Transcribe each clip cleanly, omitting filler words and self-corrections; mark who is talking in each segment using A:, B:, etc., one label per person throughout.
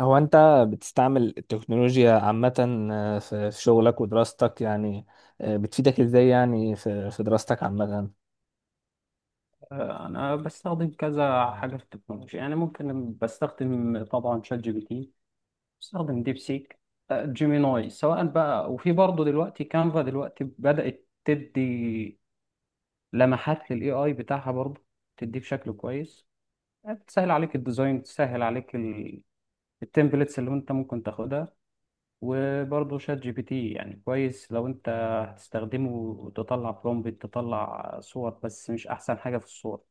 A: هو انت بتستعمل التكنولوجيا عامة، في شغلك ودراستك يعني. بتفيدك ازاي يعني في في دراستك عامة؟
B: انا بستخدم كذا حاجه في التكنولوجيا، يعني ممكن بستخدم طبعا شات جي بي تي، بستخدم ديب سيك، جيميناي سواء بقى. وفي برضه دلوقتي كانفا دلوقتي بدات تدي لمحات للاي اي بتاعها، برضه تديه بشكل كويس، تسهل عليك الديزاين، تسهل عليك التمبلتس اللي انت ممكن تاخدها. وبرضه شات جي بي تي يعني كويس لو انت هتستخدمه وتطلع برومبت تطلع صور، بس مش احسن حاجه في الصور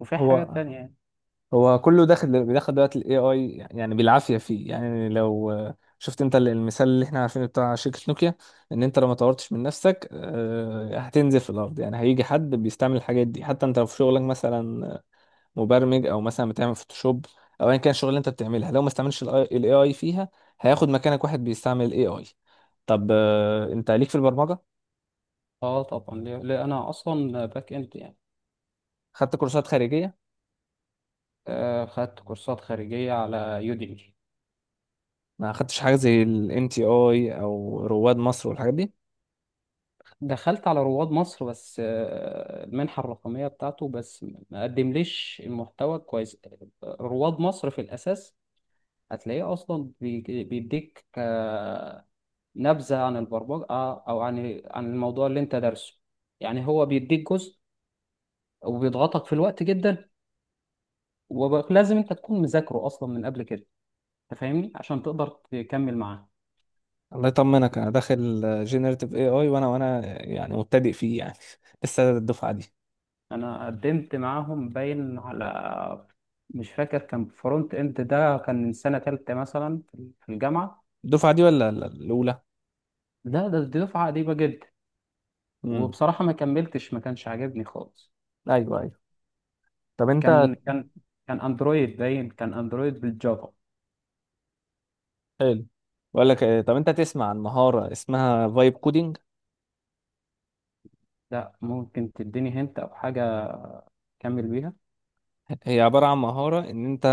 B: وفي حاجات
A: هو
B: تانية.
A: هو كله داخل، بيدخل دلوقتي الاي اي يعني بالعافية فيه. يعني لو شفت انت المثال اللي احنا عارفينه بتاع شركة نوكيا، ان انت لو ما طورتش من نفسك هتنزل في الارض. يعني هيجي حد بيستعمل الحاجات دي، حتى انت لو في شغلك مثلا مبرمج او مثلا بتعمل فوتوشوب او ايا كان الشغل اللي انت بتعملها، لو ما استعملش الاي اي فيها هياخد مكانك واحد بيستعمل الاي اي. طب انت ليك في البرمجه؟
B: اه طبعا، ليه انا اصلا باك اند يعني.
A: خدت كورسات خارجيه؟
B: آه، خدت كورسات خارجيه على يوديمي.
A: ما خدتش حاجه زي الان تي اي او رواد مصر والحاجات دي؟
B: دخلت على رواد مصر بس آه المنحه الرقميه بتاعته، بس ما قدمليش المحتوى كويس. رواد مصر في الاساس هتلاقيه اصلا بيديك آه نبذه عن البرمجه، او عن الموضوع اللي انت دارسه، يعني هو بيديك جزء وبيضغطك في الوقت جدا، ولازم انت تكون مذاكره اصلا من قبل كده، انت فاهمني، عشان تقدر تكمل معاه.
A: الله يطمنك، انا داخل جينيريتيف اي اي، وانا يعني مبتدئ فيه يعني لسه. الدفعه دي،
B: انا قدمت معاهم باين على، مش فاكر، كان فرونت اند. ده كان من سنة تالتة مثلا في الجامعة.
A: الدفعه دي ولا الاولى؟
B: ده ده دي دفعة قديمة جدا.
A: امم
B: وبصراحة ما كملتش، ما كانش عاجبني خالص.
A: ايوه ايوه. طب انت،
B: كان كان كان اندرويد، باين كان اندرويد بالجافا.
A: حلو. بقول لك طب انت تسمع عن مهاره اسمها فايب كودينج؟
B: لا، ممكن تديني هنت او حاجة اكمل بيها.
A: هي عبارة عن مهارة إن أنت،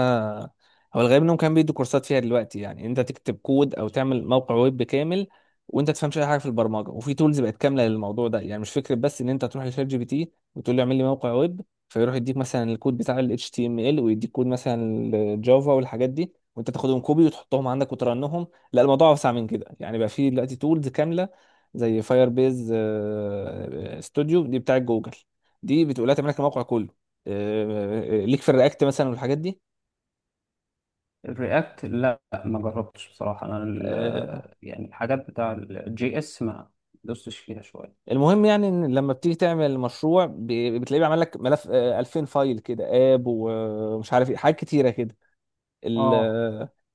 A: هو الغالب إنهم كانوا بيدوا كورسات فيها دلوقتي، يعني إن أنت تكتب كود أو تعمل موقع ويب كامل وأنت تفهمش أي حاجة في البرمجة. وفي تولز بقت كاملة للموضوع ده، يعني مش فكرة بس إن أنت تروح لشات جي بي تي وتقول له اعمل لي موقع ويب، فيروح يديك مثلا الكود بتاع ال HTML ويديك كود مثلا الجافا والحاجات دي، وأنت تاخدهم كوبي وتحطهم عندك وترنهم. لا، الموضوع أوسع من كده. يعني بقى في دلوقتي تولز كاملة زي فاير بيز ستوديو دي بتاعت جوجل، دي بتقول لها تعمل لك الموقع كله. ليك في الرياكت مثلا والحاجات دي؟
B: الرياكت لا ما جربتش بصراحة، انا
A: آه،
B: يعني الحاجات بتاع الجي اس ما دوستش فيها شوية.
A: المهم، يعني ان لما بتيجي تعمل مشروع بتلاقيه بيعمل لك ملف 2000 فايل كده، اب ومش عارف ايه، حاجات كتيره كده.
B: اه،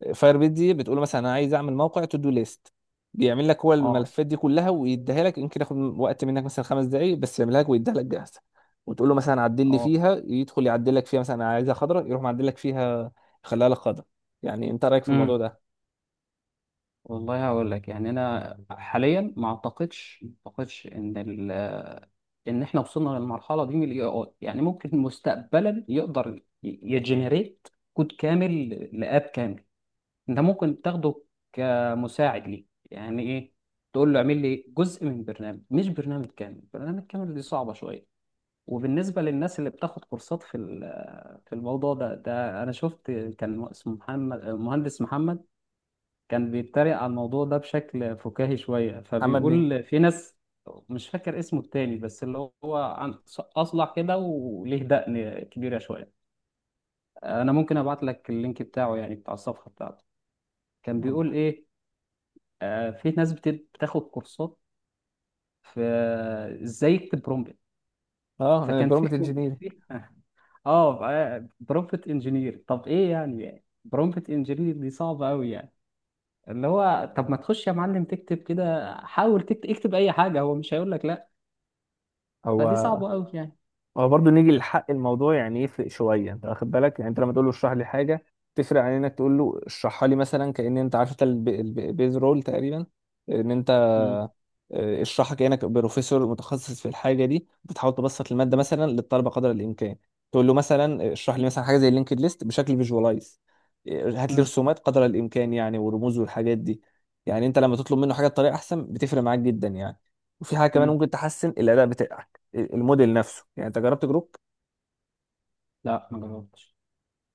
A: الفاير بيت دي بتقول له مثلا انا عايز اعمل موقع تو دو ليست، بيعمل لك هو
B: اه،
A: الملفات دي كلها ويديها لك. يمكن ياخد وقت منك مثلا 5 دقائق بس، يعملها لك ويديها لك جاهزه. وتقول له مثلا عدل لي
B: اه.
A: فيها، يدخل يعدل لك فيها. مثلا أنا عايزها خضراء، يروح معدل لك فيها، يخليها لك خضراء. يعني انت رايك في الموضوع
B: مم.
A: ده؟
B: والله هقول لك، يعني انا حاليا ما اعتقدش ان ال آه، ان احنا وصلنا للمرحله دي من الاي اي. يعني ممكن مستقبلا يقدر يجنريت كود كامل، لاب كامل، انت ممكن تاخده كمساعد ليه. يعني ايه، تقول له اعمل لي جزء من برنامج، مش برنامج كامل. برنامج كامل دي صعبه شويه. وبالنسبه للناس اللي بتاخد كورسات في في الموضوع ده، انا شفت، كان اسمه محمد، مهندس محمد، كان بيتريق على الموضوع ده بشكل فكاهي شوية،
A: محمد مين؟
B: فبيقول في ناس، مش فاكر اسمه التاني، بس اللي هو عن أصلع كده وليه دقن كبيرة شوية. أنا ممكن أبعت لك اللينك بتاعه، يعني بتاع الصفحة بتاعته. كان بيقول إيه؟ آه، في ناس بتاخد كورسات في إزاي يكتب برومبت.
A: اه،
B: فكان في
A: برومت انجينير.
B: في- آه برومبت إنجينير. طب إيه يعني؟ برومبت إنجينير دي صعبة أوي يعني؟ اللي هو طب ما تخش يا معلم تكتب كده، حاول تكتب، اكتب اي حاجه، هو مش هيقول لك لا. فدي
A: هو،
B: صعبه قوي يعني.
A: هو برضه نيجي لحق الموضوع يعني، يفرق شويه، انت واخد بالك. يعني انت لما تقول له اشرح لي حاجه، تفرق عن انك تقول له اشرحها لي، مثلا كأن انت عارف انت البيز رول تقريبا، ان انت
B: مم.
A: اشرحها كأنك بروفيسور متخصص في الحاجة دي، بتحاول تبسط المادة
B: مم.
A: مثلا للطلبة قدر الإمكان. تقول له مثلا اشرح لي مثلا حاجة زي اللينكد ليست بشكل فيجوالايز، هات لي
B: مم.
A: رسومات قدر الإمكان، يعني ورموز والحاجات دي. يعني أنت لما تطلب منه حاجة بطريقة أحسن، بتفرق معاك جدا يعني. وفي حاجة كمان
B: مم.
A: ممكن تحسن الأداء بتاعك، الموديل نفسه. يعني أنت جربت جروب؟
B: لا ما جربتش.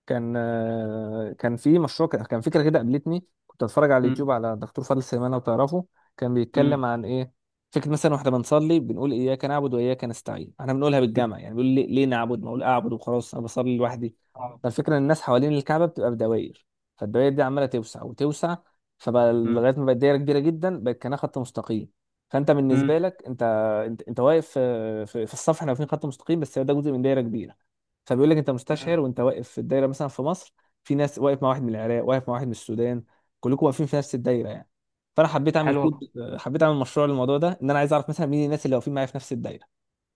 A: كان كان في مشروع كان فكره كده قابلتني، كنت اتفرج على
B: مم.
A: اليوتيوب على دكتور فاضل سليمان، لو تعرفه. كان
B: مم.
A: بيتكلم عن ايه، فكره مثلا، واحنا بنصلي بنقول اياك نعبد واياك نستعين، احنا بنقولها
B: مم.
A: بالجمع. يعني بيقول ليه نعبد؟ ما اقول اعبد وخلاص، انا بصلي لوحدي.
B: آه.
A: فالفكره ان الناس حوالين الكعبه بتبقى بدوائر، فالدوائر دي عماله توسع وتوسع، فبقى
B: مم.
A: لغايه ما بقت دايره كبيره جدا بقت كانها خط مستقيم. فانت بالنسبه
B: مم.
A: لك انت، انت واقف في, الصف، احنا واقفين خط مستقيم بس هو ده جزء من دايره كبيره. فبيقول لك انت مستشعر
B: مم.
A: وانت واقف في الدايره مثلا في مصر، في ناس واقف مع واحد من العراق، واقف مع واحد من السودان، كلكم واقفين في نفس الدايره يعني. فانا حبيت اعمل كود،
B: حلوه.
A: حبيت اعمل مشروع للموضوع ده، ان انا عايز اعرف مثلا مين الناس اللي واقفين معايا في نفس الدايره.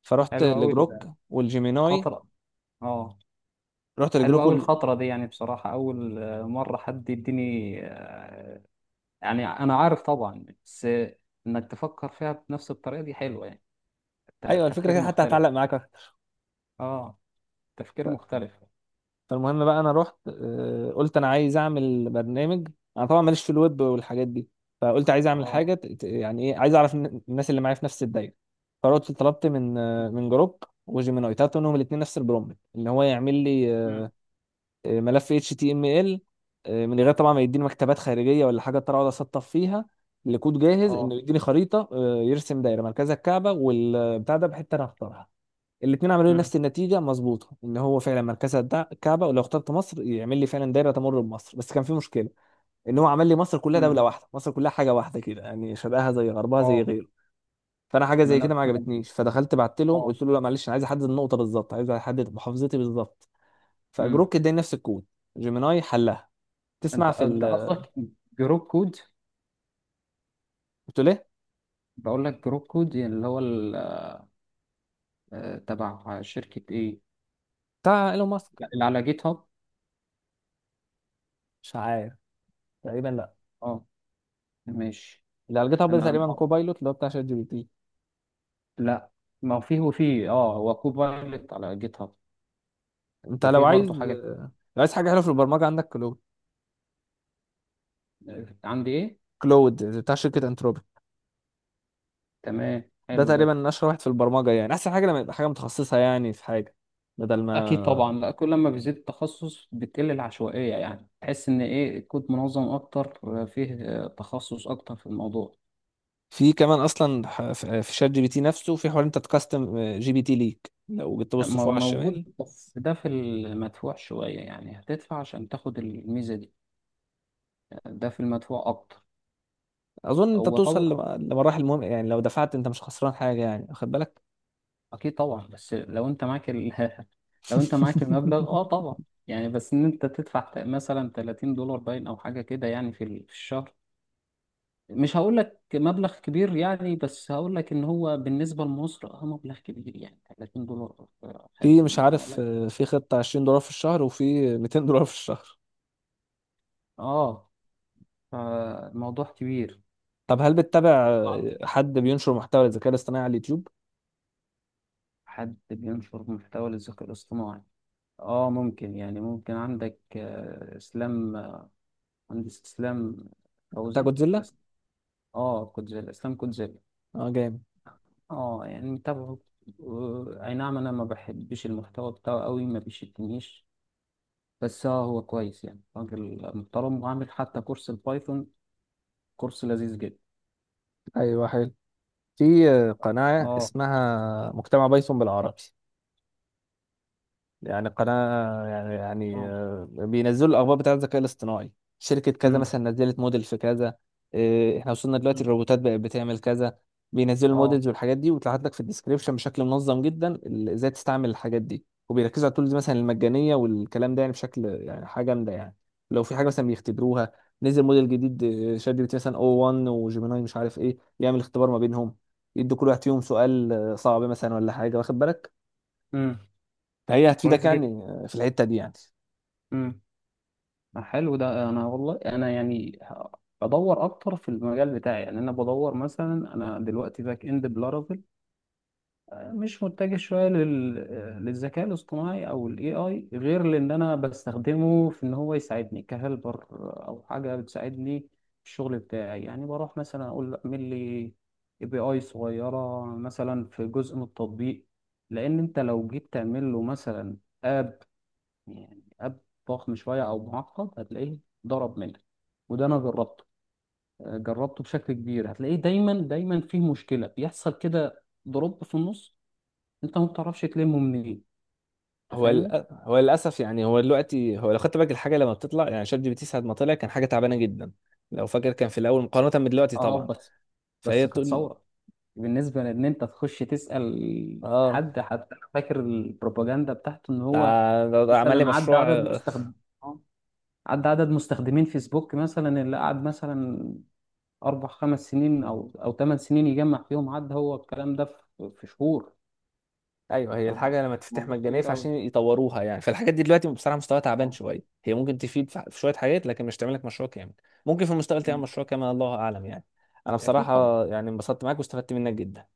A: فرحت
B: حلوه قوي
A: لجروك والجيميناي.
B: الخطره. اه.
A: رحت
B: حلوه
A: لجروك
B: قوي
A: وال...
B: الخطره دي، يعني بصراحه اول مره حد يديني آه، يعني انا عارف طبعا، بس آه، انك تفكر فيها بنفس الطريقه دي حلوه يعني،
A: ايوه الفكره
B: تفكير
A: كده، حتى
B: مختلف.
A: هتعلق معاك.
B: اه، تفكير مختلف.
A: فالمهم بقى، انا رحت قلت انا عايز اعمل برنامج. انا طبعا ماليش في الويب والحاجات دي، فقلت عايز اعمل حاجه
B: اه.
A: يعني ايه، عايز اعرف الناس اللي معايا في نفس الدايره. فرحت طلبت من من جروب وجيميناي، طلبت منهم الاثنين نفس البرومبت، ان هو يعمل لي ملف اتش تي ام ال، من غير طبعا ما يديني مكتبات خارجيه ولا حاجه اضطر اقعد اسطب فيها. لكود جاهز انه
B: اه.
A: يديني خريطه، يرسم دايره مركزها الكعبه، والبتاع ده بحته انا اختارها. الاثنين عملوا لي
B: امم.
A: نفس النتيجه مظبوطه، ان هو فعلا مركزها الكعبه، ولو اخترت مصر يعمل لي فعلا دايره تمر بمصر. بس كان في مشكله، ان هو عمل لي مصر كلها
B: امم.
A: دوله واحده، مصر كلها حاجه واحده كده، يعني شرقها زي غربها زي
B: اه.
A: غيره. فانا حاجه
B: ما
A: زي
B: انا
A: كده ما عجبتنيش، فدخلت بعت لهم،
B: اه.
A: قلت له لا معلش، انا عايز احدد النقطه بالظبط، عايز احدد محافظتي بالظبط.
B: امم.
A: فجروك اداني نفس الكود، جيميناي حلها.
B: انت
A: تسمع في ال...
B: انت قصدك جروب كود؟
A: قلت له ايه؟
B: بقول لك جروب كود، يعني اللي هو تبع شركة ايه؟
A: بتاع ايلون ماسك.
B: لا، اللي على جيت هاب.
A: مش عارف، تقريبا لا.
B: اه، ماشي.
A: اللي على جيت هاب ده
B: انا
A: تقريبا
B: اه،
A: كوبايلوت، اللي هو بتاع شات جي بي تي.
B: لا، ما هو فيه وفيه. اه، هو كوبايلوت على جيت هاب.
A: انت لو
B: وفيه
A: عايز،
B: برضو حاجة،
A: لو عايز حاجه حلوه في البرمجه عندك
B: آه، عندي ايه؟
A: كلود بتاع شركة انتروبيك،
B: تمام،
A: ده
B: حلو ده.
A: تقريبا اشهر واحد في البرمجة يعني، احسن حاجة لما يبقى حاجة متخصصة يعني في حاجة، بدل
B: اكيد
A: ما
B: طبعا، لا كل ما بيزيد التخصص بتقل العشوائية، يعني تحس ان ايه الكود منظم اكتر، آه، فيه آه، تخصص اكتر في الموضوع.
A: في كمان اصلا في في شات جي بي تي نفسه في حوار انت تكستم جي بي تي ليك، لو جيت
B: يعني
A: تبص فوق على
B: موجود
A: الشمال.
B: بس ده في المدفوع شوية، يعني هتدفع عشان تاخد الميزة دي. ده في المدفوع أكتر.
A: اظن انت
B: هو
A: بتوصل
B: طبعا.
A: لمراحل مهم، يعني لو دفعت انت مش خسران حاجة يعني، واخد بالك.
B: أكيد طبعا، بس لو أنت معاك ال... لو أنت معاك المبلغ أه طبعا. يعني بس إن أنت تدفع مثلا $30 باين، أو حاجة كده يعني في في الشهر. مش هقول لك مبلغ كبير يعني، بس هقول لك إن هو بالنسبة لمصر أه مبلغ كبير. يعني $30، آه،
A: في مش
B: 50، أه
A: عارف
B: لا.
A: في خطة 20 دولار في الشهر وفي 200 دولار في الشهر.
B: أه، فالموضوع كبير.
A: طب هل بتتابع حد بينشر محتوى للذكاء الاصطناعي على اليوتيوب؟
B: حد بينشر محتوى للذكاء الاصطناعي؟ اه، ممكن، يعني ممكن عندك آه، اسلام آه، مهندس اسلام
A: بتاع
B: فوزي.
A: جودزيلا؟
B: بس اه كوتزيلا، اسلام كوتزيلا.
A: اه، جامد.
B: اه، يعني متابعه، اي نعم، انا ما بحبش المحتوى بتاعه قوي، ما بيشدنيش، بس اه هو كويس، يعني راجل محترم، وعامل حتى كورس البايثون، كورس لذيذ جدا.
A: ايوه، حلو. في قناة
B: اه.
A: اسمها مجتمع بايثون بالعربي، يعني قناة يعني يعني
B: اه.
A: بينزلوا الأخبار بتاعة الذكاء الاصطناعي، شركة كذا
B: امم.
A: مثلا نزلت موديل في كذا، احنا وصلنا دلوقتي الروبوتات بقت بتعمل كذا. بينزلوا
B: اه.
A: المودلز والحاجات دي، وتلاحظ لك في الديسكريبشن بشكل منظم جدا ازاي تستعمل الحاجات دي، وبيركزوا على التولز مثلا المجانية والكلام ده، يعني بشكل يعني حاجة جامدة يعني. لو في حاجة مثلا بيختبروها، نزل موديل جديد شات جي بي تي مثلا او 1 وجيميناي مش عارف ايه، يعمل اختبار ما بينهم، يدوا كل واحد فيهم سؤال صعب مثلا ولا حاجة، واخد بالك.
B: امم.
A: فهي هتفيدك
B: كويس
A: يعني في الحته دي يعني.
B: جدا. حلو ده. انا والله انا يعني بدور اكتر في المجال بتاعي، يعني انا بدور مثلا، انا دلوقتي باك اند بلارافيل، مش متجه شويه لل... للذكاء الاصطناعي او الاي اي، غير لان انا بستخدمه في ان هو يساعدني كهلبر، او حاجه بتساعدني في الشغل بتاعي. يعني بروح مثلا اقول له اعمل لي اي بي اي صغيره مثلا في جزء من التطبيق، لان انت لو جيت تعمل له مثلا اب، يعني اب ضخم شويه او معقد، هتلاقيه ضرب منك. وده انا جربته، آه، جربته بشكل كبير. هتلاقيه دايما فيه مشكله، بيحصل كده دروب في النص انت ما بتعرفش تلمه منين، انت
A: هو
B: فاهمني.
A: هو للاسف يعني، هو دلوقتي هو لو خدت بالك الحاجه لما بتطلع، يعني شات جي بي تي ساعه ما طلع كان حاجه تعبانه جدا لو فاكر، كان في الاول مقارنه من دلوقتي
B: اه
A: طبعا.
B: بس،
A: فهي
B: بس كانت
A: تقول،
B: ثوره بالنسبه لان انت تخش تسال
A: اه
B: حد. حتى انا فاكر البروباجندا بتاعته ان
A: ده،
B: هو
A: ده عمل لي
B: مثلا
A: مشروع
B: آه، عدى عدد مستخدمين فيسبوك مثلا، اللي قعد مثلا 4 5 سنين او 8 سنين، يجمع فيهم عد هو الكلام ده في شهور.
A: ايوه، هي
B: آه،
A: الحاجه لما تفتح
B: موضوع
A: مجانيه
B: كبير قوي.
A: فعشان يطوروها يعني، فالحاجات دي دلوقتي بصراحه مستواها تعبان
B: اه.
A: شويه، هي ممكن تفيد في في شويه حاجات لكن مش تعمل لك مشروع كامل. ممكن في المستقبل تعمل
B: مم.
A: مشروع كامل، الله اعلم يعني. انا
B: اكيد
A: بصراحه
B: طبعا،
A: يعني انبسطت معاك واستفدت منك جدا.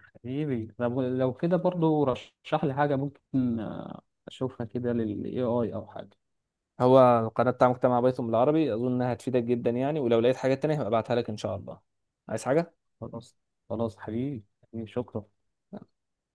B: حبيبي. طب لو كده برضو رشح لي حاجه ممكن آه، اشوفها كده للاي اي او حاجه.
A: هو القناة بتاع مجتمع بايثون بالعربي أظن إنها هتفيدك جدا يعني، ولو لقيت حاجات تانية هبقى أبعتها لك إن شاء الله. عايز حاجة؟
B: خلاص، خلاص حبيبي، حبيبي، شكرا.